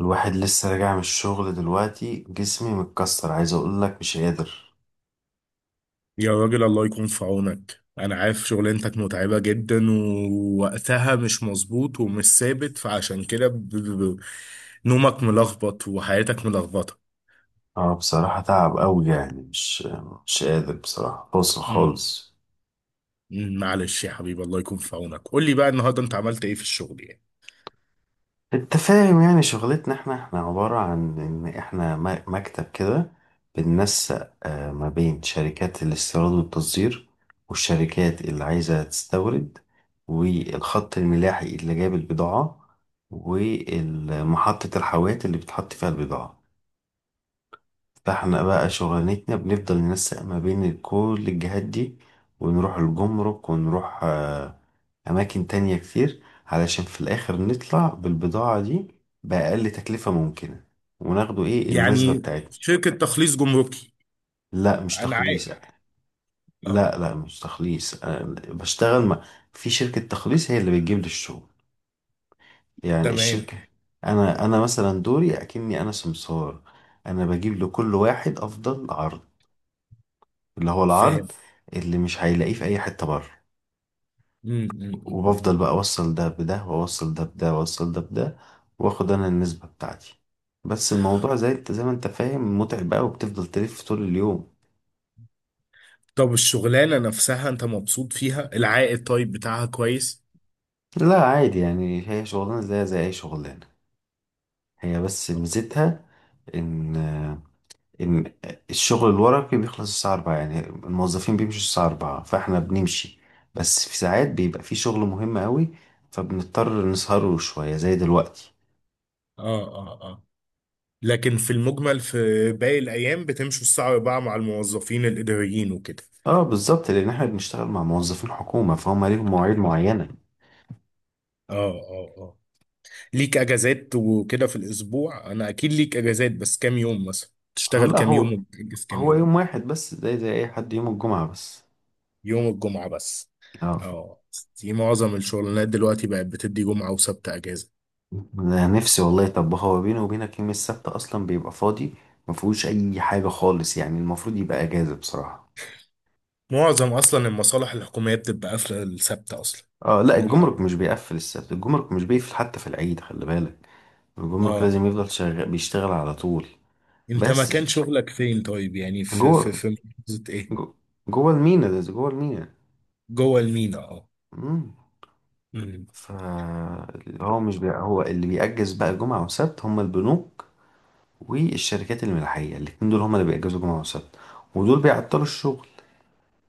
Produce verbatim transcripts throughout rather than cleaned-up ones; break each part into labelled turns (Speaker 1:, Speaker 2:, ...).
Speaker 1: الواحد لسه راجع من الشغل دلوقتي، جسمي متكسر، عايز اقول لك مش قادر.
Speaker 2: يا راجل، الله يكون في عونك. انا عارف شغلانتك متعبة جدا ووقتها مش مظبوط ومش ثابت، فعشان كده ب... ب... ب- نومك ملخبط وحياتك ملخبطة.
Speaker 1: اه، بصراحة تعب قوي يعني مش مش قادر، بصراحة بوصل
Speaker 2: امم
Speaker 1: خالص.
Speaker 2: أمم، معلش يا حبيبي، الله يكون في عونك. قول لي بقى النهارده انت عملت ايه في الشغل يعني؟
Speaker 1: انت فاهم، يعني شغلتنا احنا احنا عبارة عن ان احنا م- مكتب كده، بننسق آه، ما بين شركات الاستيراد والتصدير، والشركات اللي عايزة تستورد، والخط الملاحي اللي جاب البضاعة، ومحطة الحاويات اللي بتحط فيها البضاعة. فاحنا بقى شغلانتنا بنفضل ننسق ما بين كل الجهات دي، ونروح الجمرك، ونروح آه، أماكن تانية كتير، علشان في الآخر نطلع بالبضاعة دي بأقل تكلفة ممكنة، وناخده إيه النسبة
Speaker 2: يعني
Speaker 1: بتاعتنا.
Speaker 2: شركة تخليص جمركي؟
Speaker 1: لا، مش
Speaker 2: انا عارف.
Speaker 1: تخليص.
Speaker 2: اه.
Speaker 1: لا، لا مش تخليص. أنا بشتغل مع، في شركة تخليص هي اللي بتجيب لي الشغل، يعني
Speaker 2: تمام.
Speaker 1: الشركة. أنا أنا مثلا دوري أكني أنا سمسار، أنا بجيب لكل واحد أفضل عرض، اللي هو
Speaker 2: فاهم.
Speaker 1: العرض اللي مش هيلاقيه في اي حتة بره.
Speaker 2: أمم، أمم، أمم.
Speaker 1: وبفضل بقى اوصل ده بده، واوصل ده بده، واوصل ده بده، واخد انا النسبة بتاعتي. بس الموضوع، زي انت زي ما انت فاهم، متعب بقى وبتفضل تلف طول اليوم.
Speaker 2: طب الشغلانة نفسها انت مبسوط فيها؟ العائد طيب بتاعها كويس؟
Speaker 1: لا، عادي يعني، هي شغلانة زي زي اي شغلانة. هي بس ميزتها ان ان الشغل الورقي بيخلص الساعة الرابعة، يعني الموظفين بيمشوا الساعة الرابعة، فاحنا بنمشي. بس في ساعات بيبقى في شغل مهم قوي، فبنضطر نسهره شوية زي دلوقتي.
Speaker 2: اه، اه، آه. لكن في المجمل، في باقي الأيام بتمشوا الساعة الرابعة مع الموظفين الإداريين وكده؟
Speaker 1: اه بالظبط، لان احنا بنشتغل مع موظفين حكومه، فهم ليهم مواعيد معينه.
Speaker 2: اه اه اه. ليك أجازات وكده في الأسبوع، أنا أكيد ليك أجازات، بس كام يوم مثلا
Speaker 1: اه،
Speaker 2: تشتغل
Speaker 1: لا،
Speaker 2: كام
Speaker 1: هو
Speaker 2: يوم وتأجز كام
Speaker 1: هو
Speaker 2: يوم؟
Speaker 1: يوم واحد بس، زي زي اي حد، يوم الجمعه بس.
Speaker 2: يوم الجمعة بس؟
Speaker 1: اه.
Speaker 2: اه. دي معظم الشغلانات دلوقتي بقت بتدي جمعة وسبت أجازة.
Speaker 1: أنا نفسي والله، طب هو بيني وبينك يوم السبت اصلا بيبقى فاضي، ما فيهوش اي حاجه خالص، يعني المفروض يبقى اجازه بصراحه.
Speaker 2: معظم أصلا المصالح الحكومية بتبقى قافلة السبت أصلا.
Speaker 1: اه، لا،
Speaker 2: جمعة.
Speaker 1: الجمرك مش بيقفل السبت، الجمرك مش بيقفل حتى في العيد، خلي بالك،
Speaker 2: اه،
Speaker 1: الجمرك
Speaker 2: آه.
Speaker 1: لازم يفضل شغال، بيشتغل على طول.
Speaker 2: أنت
Speaker 1: بس ش-
Speaker 2: مكان
Speaker 1: ش-
Speaker 2: شغلك فين طيب، يعني في في
Speaker 1: جوه
Speaker 2: في محافظة إيه؟
Speaker 1: جو- جوه المينا، ده جوه المينا.
Speaker 2: جوه المينا، اه.
Speaker 1: مم.
Speaker 2: مم.
Speaker 1: فهو مش بي... هو اللي بيأجز بقى جمعة وسبت هم البنوك، والشركات الملاحية، الاتنين دول هم اللي بيأجزوا جمعة وسبت، ودول بيعطلوا الشغل،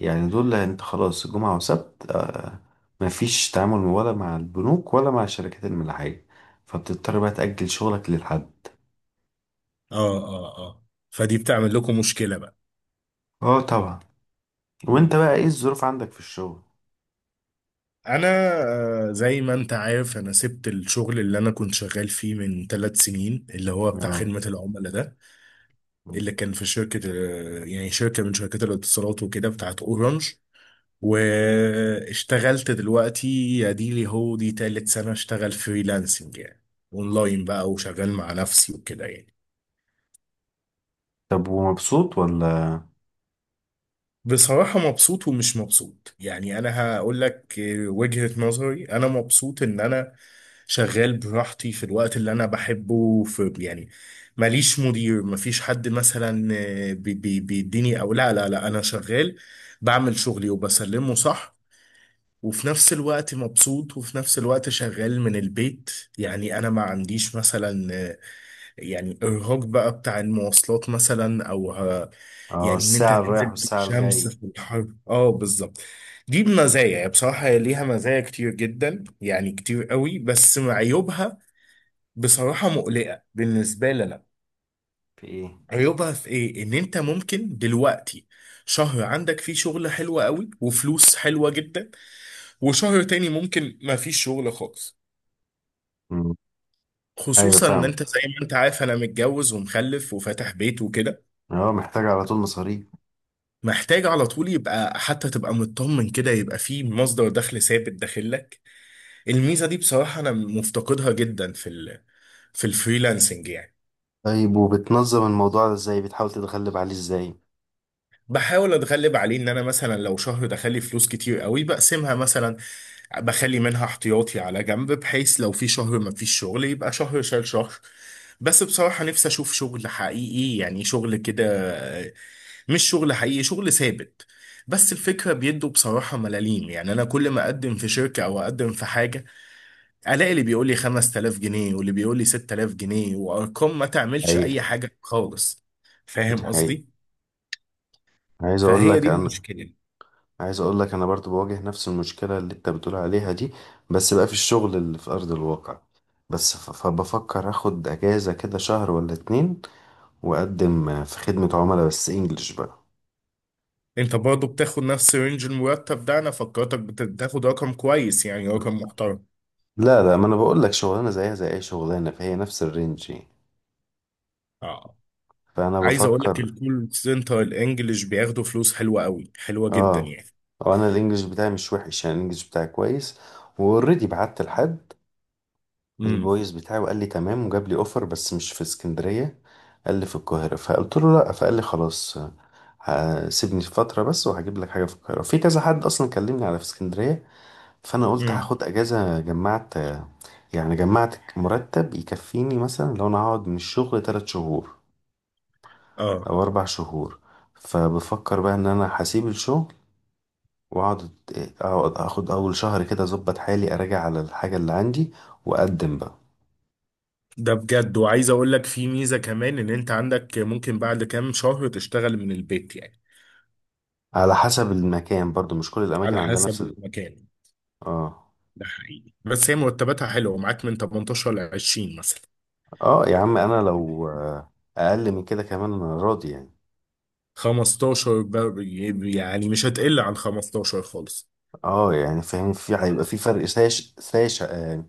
Speaker 1: يعني دول انت خلاص جمعة وسبت، آه مفيش تعامل ولا مع البنوك ولا مع الشركات الملاحية، فبتضطر بقى تأجل شغلك للحد.
Speaker 2: اه اه اه، فدي بتعمل لكم مشكلة بقى.
Speaker 1: اه طبعا.
Speaker 2: مم.
Speaker 1: وانت بقى ايه الظروف عندك في الشغل؟
Speaker 2: انا آه، زي ما انت عارف انا سبت الشغل اللي انا كنت شغال فيه من ثلاث سنين، اللي هو بتاع
Speaker 1: اه.
Speaker 2: خدمة العملاء ده، اللي كان في شركة، آه، يعني شركة من شركات الاتصالات وكده، بتاعت اورنج. واشتغلت دلوقتي، اديلي هو دي تالت سنة اشتغل فريلانسنج يعني، اونلاين بقى، وشغال مع نفسي وكده يعني.
Speaker 1: طب ومبسوط ولا؟
Speaker 2: بصراحة مبسوط ومش مبسوط، يعني أنا هقول لك وجهة نظري. أنا مبسوط إن أنا شغال براحتي، في الوقت اللي أنا بحبه في يعني، ماليش مدير، مفيش حد مثلا بي- بي- بيديني، أو لا لا لا، أنا شغال، بعمل شغلي وبسلمه صح. وفي نفس الوقت مبسوط، وفي نفس الوقت شغال من البيت، يعني أنا ما عنديش مثلا يعني ارهاق بقى بتاع المواصلات مثلا، او ه-
Speaker 1: اه،
Speaker 2: يعني ان انت
Speaker 1: الساعة اللي رايح
Speaker 2: تنزل في
Speaker 1: والساعة
Speaker 2: الشمس
Speaker 1: الجاي.
Speaker 2: في الحر، اه بالظبط. دي مزايا يعني، بصراحة هي ليها مزايا كتير جدا، يعني كتير قوي، بس عيوبها بصراحة مقلقة بالنسبة لنا.
Speaker 1: في ايه؟
Speaker 2: عيوبها في ايه؟ ان انت ممكن دلوقتي شهر عندك فيه شغل حلو قوي وفلوس حلوة جدا، وشهر تاني ممكن ما فيش شغل خالص.
Speaker 1: مم. ايوه
Speaker 2: خصوصا ان
Speaker 1: فاهم،
Speaker 2: انت زي ما انت عارف انا متجوز ومخلف وفاتح بيت وكده.
Speaker 1: اه محتاج على طول مصاريف.
Speaker 2: محتاج على طول، يبقى حتى تبقى مطمن كده يبقى في مصدر دخل ثابت داخل لك. الميزة دي بصراحة أنا مفتقدها جدا في ال في الفريلانسنج يعني.
Speaker 1: طيب، وبتنظم الموضوع ده ازاي؟ بتحاول تتغلب عليه ازاي؟
Speaker 2: بحاول اتغلب عليه ان انا مثلا لو شهر دخل لي فلوس كتير قوي بقسمها مثلا، بخلي منها احتياطي على جنب، بحيث لو في شهر ما فيش شغل يبقى شهر شال شهر. بس بصراحة نفسي اشوف شغل حقيقي، يعني شغل كده، آه، مش شغل حقيقي، شغل ثابت. بس الفكرة بيدوا بصراحة ملاليم، يعني انا كل ما اقدم في شركة او اقدم في حاجة الاقي اللي بيقول لي خمسة آلاف جنيه واللي بيقول لي ست آلاف جنيه، وارقام ما تعملش اي
Speaker 1: حقيقة.
Speaker 2: حاجة خالص.
Speaker 1: دي
Speaker 2: فاهم
Speaker 1: حقيقة.
Speaker 2: قصدي؟
Speaker 1: عايز اقول
Speaker 2: فهي
Speaker 1: لك
Speaker 2: دي
Speaker 1: انا
Speaker 2: المشكلة.
Speaker 1: عايز اقول لك، انا برضو بواجه نفس المشكلة اللي انت بتقول عليها دي، بس بقى في الشغل اللي في ارض الواقع. بس ف- فبفكر اخد اجازة كده شهر ولا اتنين، واقدم في خدمة عملاء بس انجلش بقى.
Speaker 2: انت برضه بتاخد نفس رينج المرتب ده؟ انا فكرتك بت- بتاخد رقم كويس يعني، رقم محترم.
Speaker 1: لا، لا، ما انا بقول لك شغلانة زيها زي اي شغلانة، فهي نفس الرينج يعني.
Speaker 2: اه.
Speaker 1: فانا
Speaker 2: عايز اقول لك
Speaker 1: بفكر.
Speaker 2: الكول سنتر الانجليش بياخدوا فلوس حلوه قوي، حلوه جدا
Speaker 1: اه،
Speaker 2: يعني.
Speaker 1: وانا الانجليش بتاعي مش وحش يعني، الانجليش بتاعي كويس. واوريدي بعت لحد
Speaker 2: امم
Speaker 1: الفويس بتاعي، وقال لي تمام، وجاب لي اوفر بس مش في اسكندرية، قال لي في القاهرة، فقلت له لا، فقال لي خلاص. ه- سيبني فترة بس، وهجيب لك حاجة في القاهرة، في كذا حد اصلا كلمني على في اسكندرية. فانا قلت
Speaker 2: امم
Speaker 1: هاخد اجازة، جمعت، يعني جمعت مرتب يكفيني مثلا لو انا هقعد من الشغل تلات شهور
Speaker 2: اه،
Speaker 1: او اربع شهور. فبفكر بقى ان انا هسيب الشغل، واقعد اقعد اخد اول شهر كده اظبط حالي، اراجع على الحاجة اللي عندي، واقدم بقى.
Speaker 2: ده بجد. وعايز اقول لك في ميزه كمان، ان انت عندك ممكن بعد كام شهر تشتغل من البيت يعني.
Speaker 1: على حسب المكان برضو، مش كل الاماكن
Speaker 2: على
Speaker 1: عندها نفس
Speaker 2: حسب
Speaker 1: ال...
Speaker 2: المكان.
Speaker 1: اه.
Speaker 2: ده حقيقي، بس هي مرتباتها حلوه معاك من تمنتاشر ل عشرين مثلا.
Speaker 1: اه، يا عم انا لو آه، اقل من كده كمان انا راضي يعني.
Speaker 2: خمستاشر ب- يعني مش هتقل عن خمستاشر خالص.
Speaker 1: اه، يعني فاهم، في،
Speaker 2: آه.
Speaker 1: هيبقى في فرق ساش ساش آه.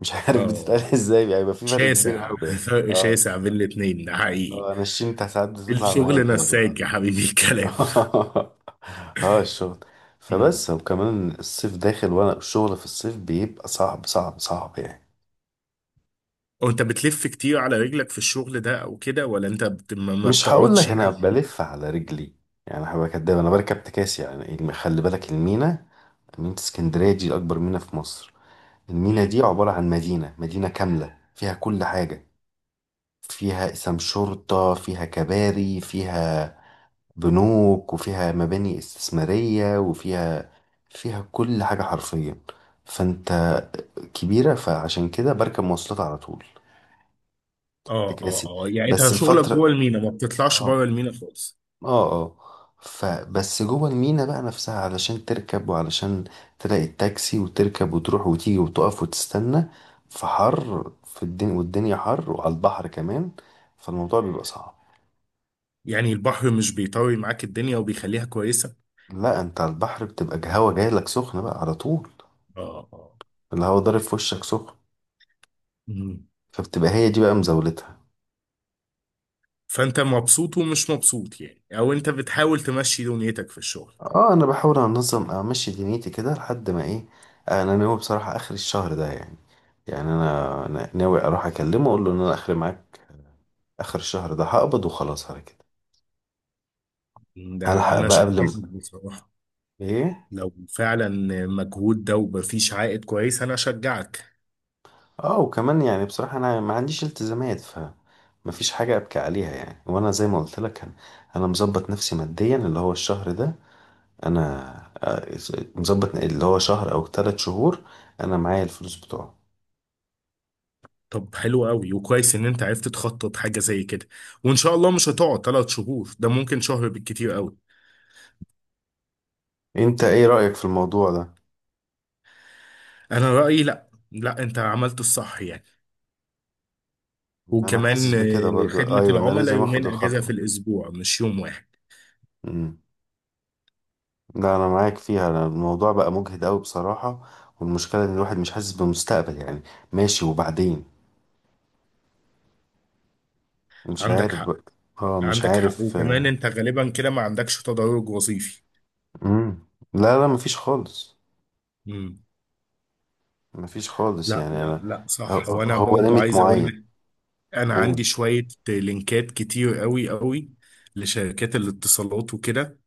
Speaker 1: مش عارف بتتقال
Speaker 2: اه
Speaker 1: ازاي، يعني هيبقى في فرق كبير
Speaker 2: شاسع
Speaker 1: قوي يعني،
Speaker 2: فرق
Speaker 1: اه.
Speaker 2: شاسع بين الاتنين، ده حقيقي.
Speaker 1: اه، انا الشنطة ساعات بتطلع معايا
Speaker 2: الشغل
Speaker 1: كده بالغلط.
Speaker 2: نساك يا حبيبي الكلام.
Speaker 1: اه، الشغل.
Speaker 2: مم.
Speaker 1: فبس، وكمان الصيف داخل، وانا الشغل في الصيف بيبقى صعب صعب صعب يعني.
Speaker 2: وانت بتلف كتير على رجلك في الشغل ده او كده، ولا انت بت... ما ما
Speaker 1: مش هقول
Speaker 2: بتقعدش
Speaker 1: لك انا
Speaker 2: يعني؟
Speaker 1: بلف على رجلي، يعني هبقى كداب، انا بركب تكاسي، يعني الم- خلي بالك، المينا، مينا اسكندريه دي اكبر مينا في مصر. المينا
Speaker 2: مم.
Speaker 1: دي عباره عن مدينه مدينه كامله، فيها كل حاجه، فيها قسم شرطه، فيها كباري، فيها بنوك، وفيها مباني استثماريه، وفيها فيها كل حاجه حرفيا. فانت، كبيره، فعشان كده بركب مواصلات على طول،
Speaker 2: اه اه
Speaker 1: تكاسي.
Speaker 2: اه، يعني انت
Speaker 1: بس
Speaker 2: شغلك
Speaker 1: الفتره
Speaker 2: جوه المينا، ما بتطلعش
Speaker 1: آه،
Speaker 2: بره المينا خالص؟
Speaker 1: اه اه. فبس جوه المينا بقى نفسها، علشان تركب، وعلشان تلاقي التاكسي، وتركب، وتروح، وتيجي، وتقف، وتستنى في حر، في الدنيا، والدنيا حر، وعلى البحر كمان، فالموضوع بيبقى صعب.
Speaker 2: يعني البحر مش بيطري معاك الدنيا وبيخليها كويسة؟
Speaker 1: لا، انت على البحر بتبقى الهوا جاي لك سخن بقى على طول،
Speaker 2: اه، اه.
Speaker 1: الهوا ضارب في وشك سخن.
Speaker 2: مم.
Speaker 1: فبتبقى هي دي بقى مزاولتها.
Speaker 2: فانت مبسوط ومش مبسوط يعني، او انت بتحاول تمشي دنيتك في الشغل
Speaker 1: اه، انا بحاول انظم، امشي دنيتي كده لحد ما ايه، انا ناوي بصراحة اخر الشهر ده يعني، يعني انا أنا ناوي اروح اكلمه، اقول له ان انا اخر معاك، اخر الشهر ده هقبض وخلاص على كده.
Speaker 2: ده؟
Speaker 1: هلحق
Speaker 2: انا
Speaker 1: بقى قبل ما
Speaker 2: شايفك بصراحة،
Speaker 1: ايه.
Speaker 2: لو فعلا مجهود ده ومفيش عائد كويس، انا اشجعك.
Speaker 1: اه، وكمان يعني بصراحة انا ما عنديش التزامات، ف مفيش حاجة ابكي عليها يعني، وانا زي ما قلت لك انا أنا مظبط نفسي ماديا، اللي هو الشهر ده انا آه، مظبط، اللي هو شهر او ثلاث شهور انا معايا الفلوس بتوعه.
Speaker 2: طب حلو قوي وكويس ان انت عرفت تخطط حاجه زي كده، وان شاء الله مش هتقعد ثلاث شهور، ده ممكن شهر بالكتير قوي.
Speaker 1: انت ايه رأيك في الموضوع ده؟
Speaker 2: انا رايي، لا لا، انت عملت الصح يعني.
Speaker 1: انا حاسس
Speaker 2: وكمان
Speaker 1: بكده
Speaker 2: آه،
Speaker 1: برضو،
Speaker 2: خدمه
Speaker 1: ايوه، انا
Speaker 2: العملاء
Speaker 1: لازم اخد
Speaker 2: يومين اجازه
Speaker 1: الخطوة.
Speaker 2: في الاسبوع مش يوم واحد.
Speaker 1: لا، انا معاك فيها، أنا الموضوع بقى مجهد قوي بصراحة، والمشكلة ان الواحد مش حاسس بمستقبل يعني، ماشي وبعدين مش
Speaker 2: عندك
Speaker 1: عارف
Speaker 2: حق.
Speaker 1: بقى. اه مش
Speaker 2: عندك حق،
Speaker 1: عارف.
Speaker 2: وكمان انت غالبا كده ما عندكش تدرج وظيفي.
Speaker 1: امم لا، لا، مفيش خالص.
Speaker 2: امم.
Speaker 1: مفيش خالص،
Speaker 2: لا
Speaker 1: يعني
Speaker 2: لا
Speaker 1: انا،
Speaker 2: لا،
Speaker 1: هو
Speaker 2: صح. وانا
Speaker 1: هو
Speaker 2: برضو
Speaker 1: ليميت
Speaker 2: عايز
Speaker 1: معين.
Speaker 2: اقول: انا عندي
Speaker 1: قول.
Speaker 2: شوية لينكات كتير قوي قوي لشركات الاتصالات وكده،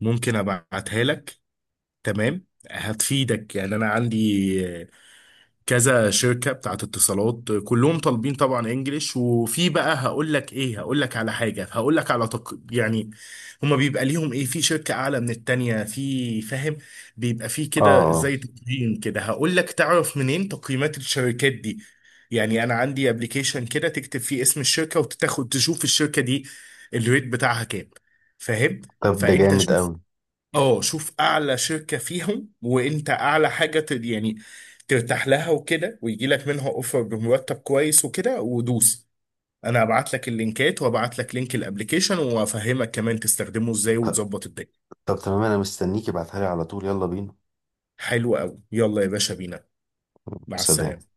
Speaker 2: ممكن ابعتها لك. تمام. هتفيدك يعني، انا عندي كذا شركة بتاعت اتصالات، كلهم طالبين طبعا انجليش. وفي بقى هقول لك ايه، هقول لك على حاجة، هقول لك على تق... يعني، هما بيبقى ليهم ايه، في شركة اعلى من التانية، في، فاهم؟ بيبقى في كده
Speaker 1: اه،
Speaker 2: زي تقييم كده، هقول لك تعرف منين تقييمات الشركات دي. يعني انا عندي ابلكيشن كده تكتب فيه اسم الشركة وتاخد تشوف الشركة دي الريت بتاعها كام. فاهم.
Speaker 1: طب ده
Speaker 2: فانت
Speaker 1: جامد
Speaker 2: شوف
Speaker 1: قوي.
Speaker 2: اه شوف اعلى شركة فيهم، وانت اعلى حاجة ت- يعني ترتاح لها وكده، ويجي لك منها اوفر بمرتب كويس وكده، ودوس. انا هبعت لك اللينكات، وابعت لك لينك الابليكيشن، وافهمك كمان تستخدمه ازاي
Speaker 1: طب،
Speaker 2: وتظبط الدنيا.
Speaker 1: طب تمام، انا مستنيك، ابعتها لي على طول، يلا بينا.
Speaker 2: حلو قوي، يلا يا باشا بينا. مع
Speaker 1: سلام.
Speaker 2: السلامة.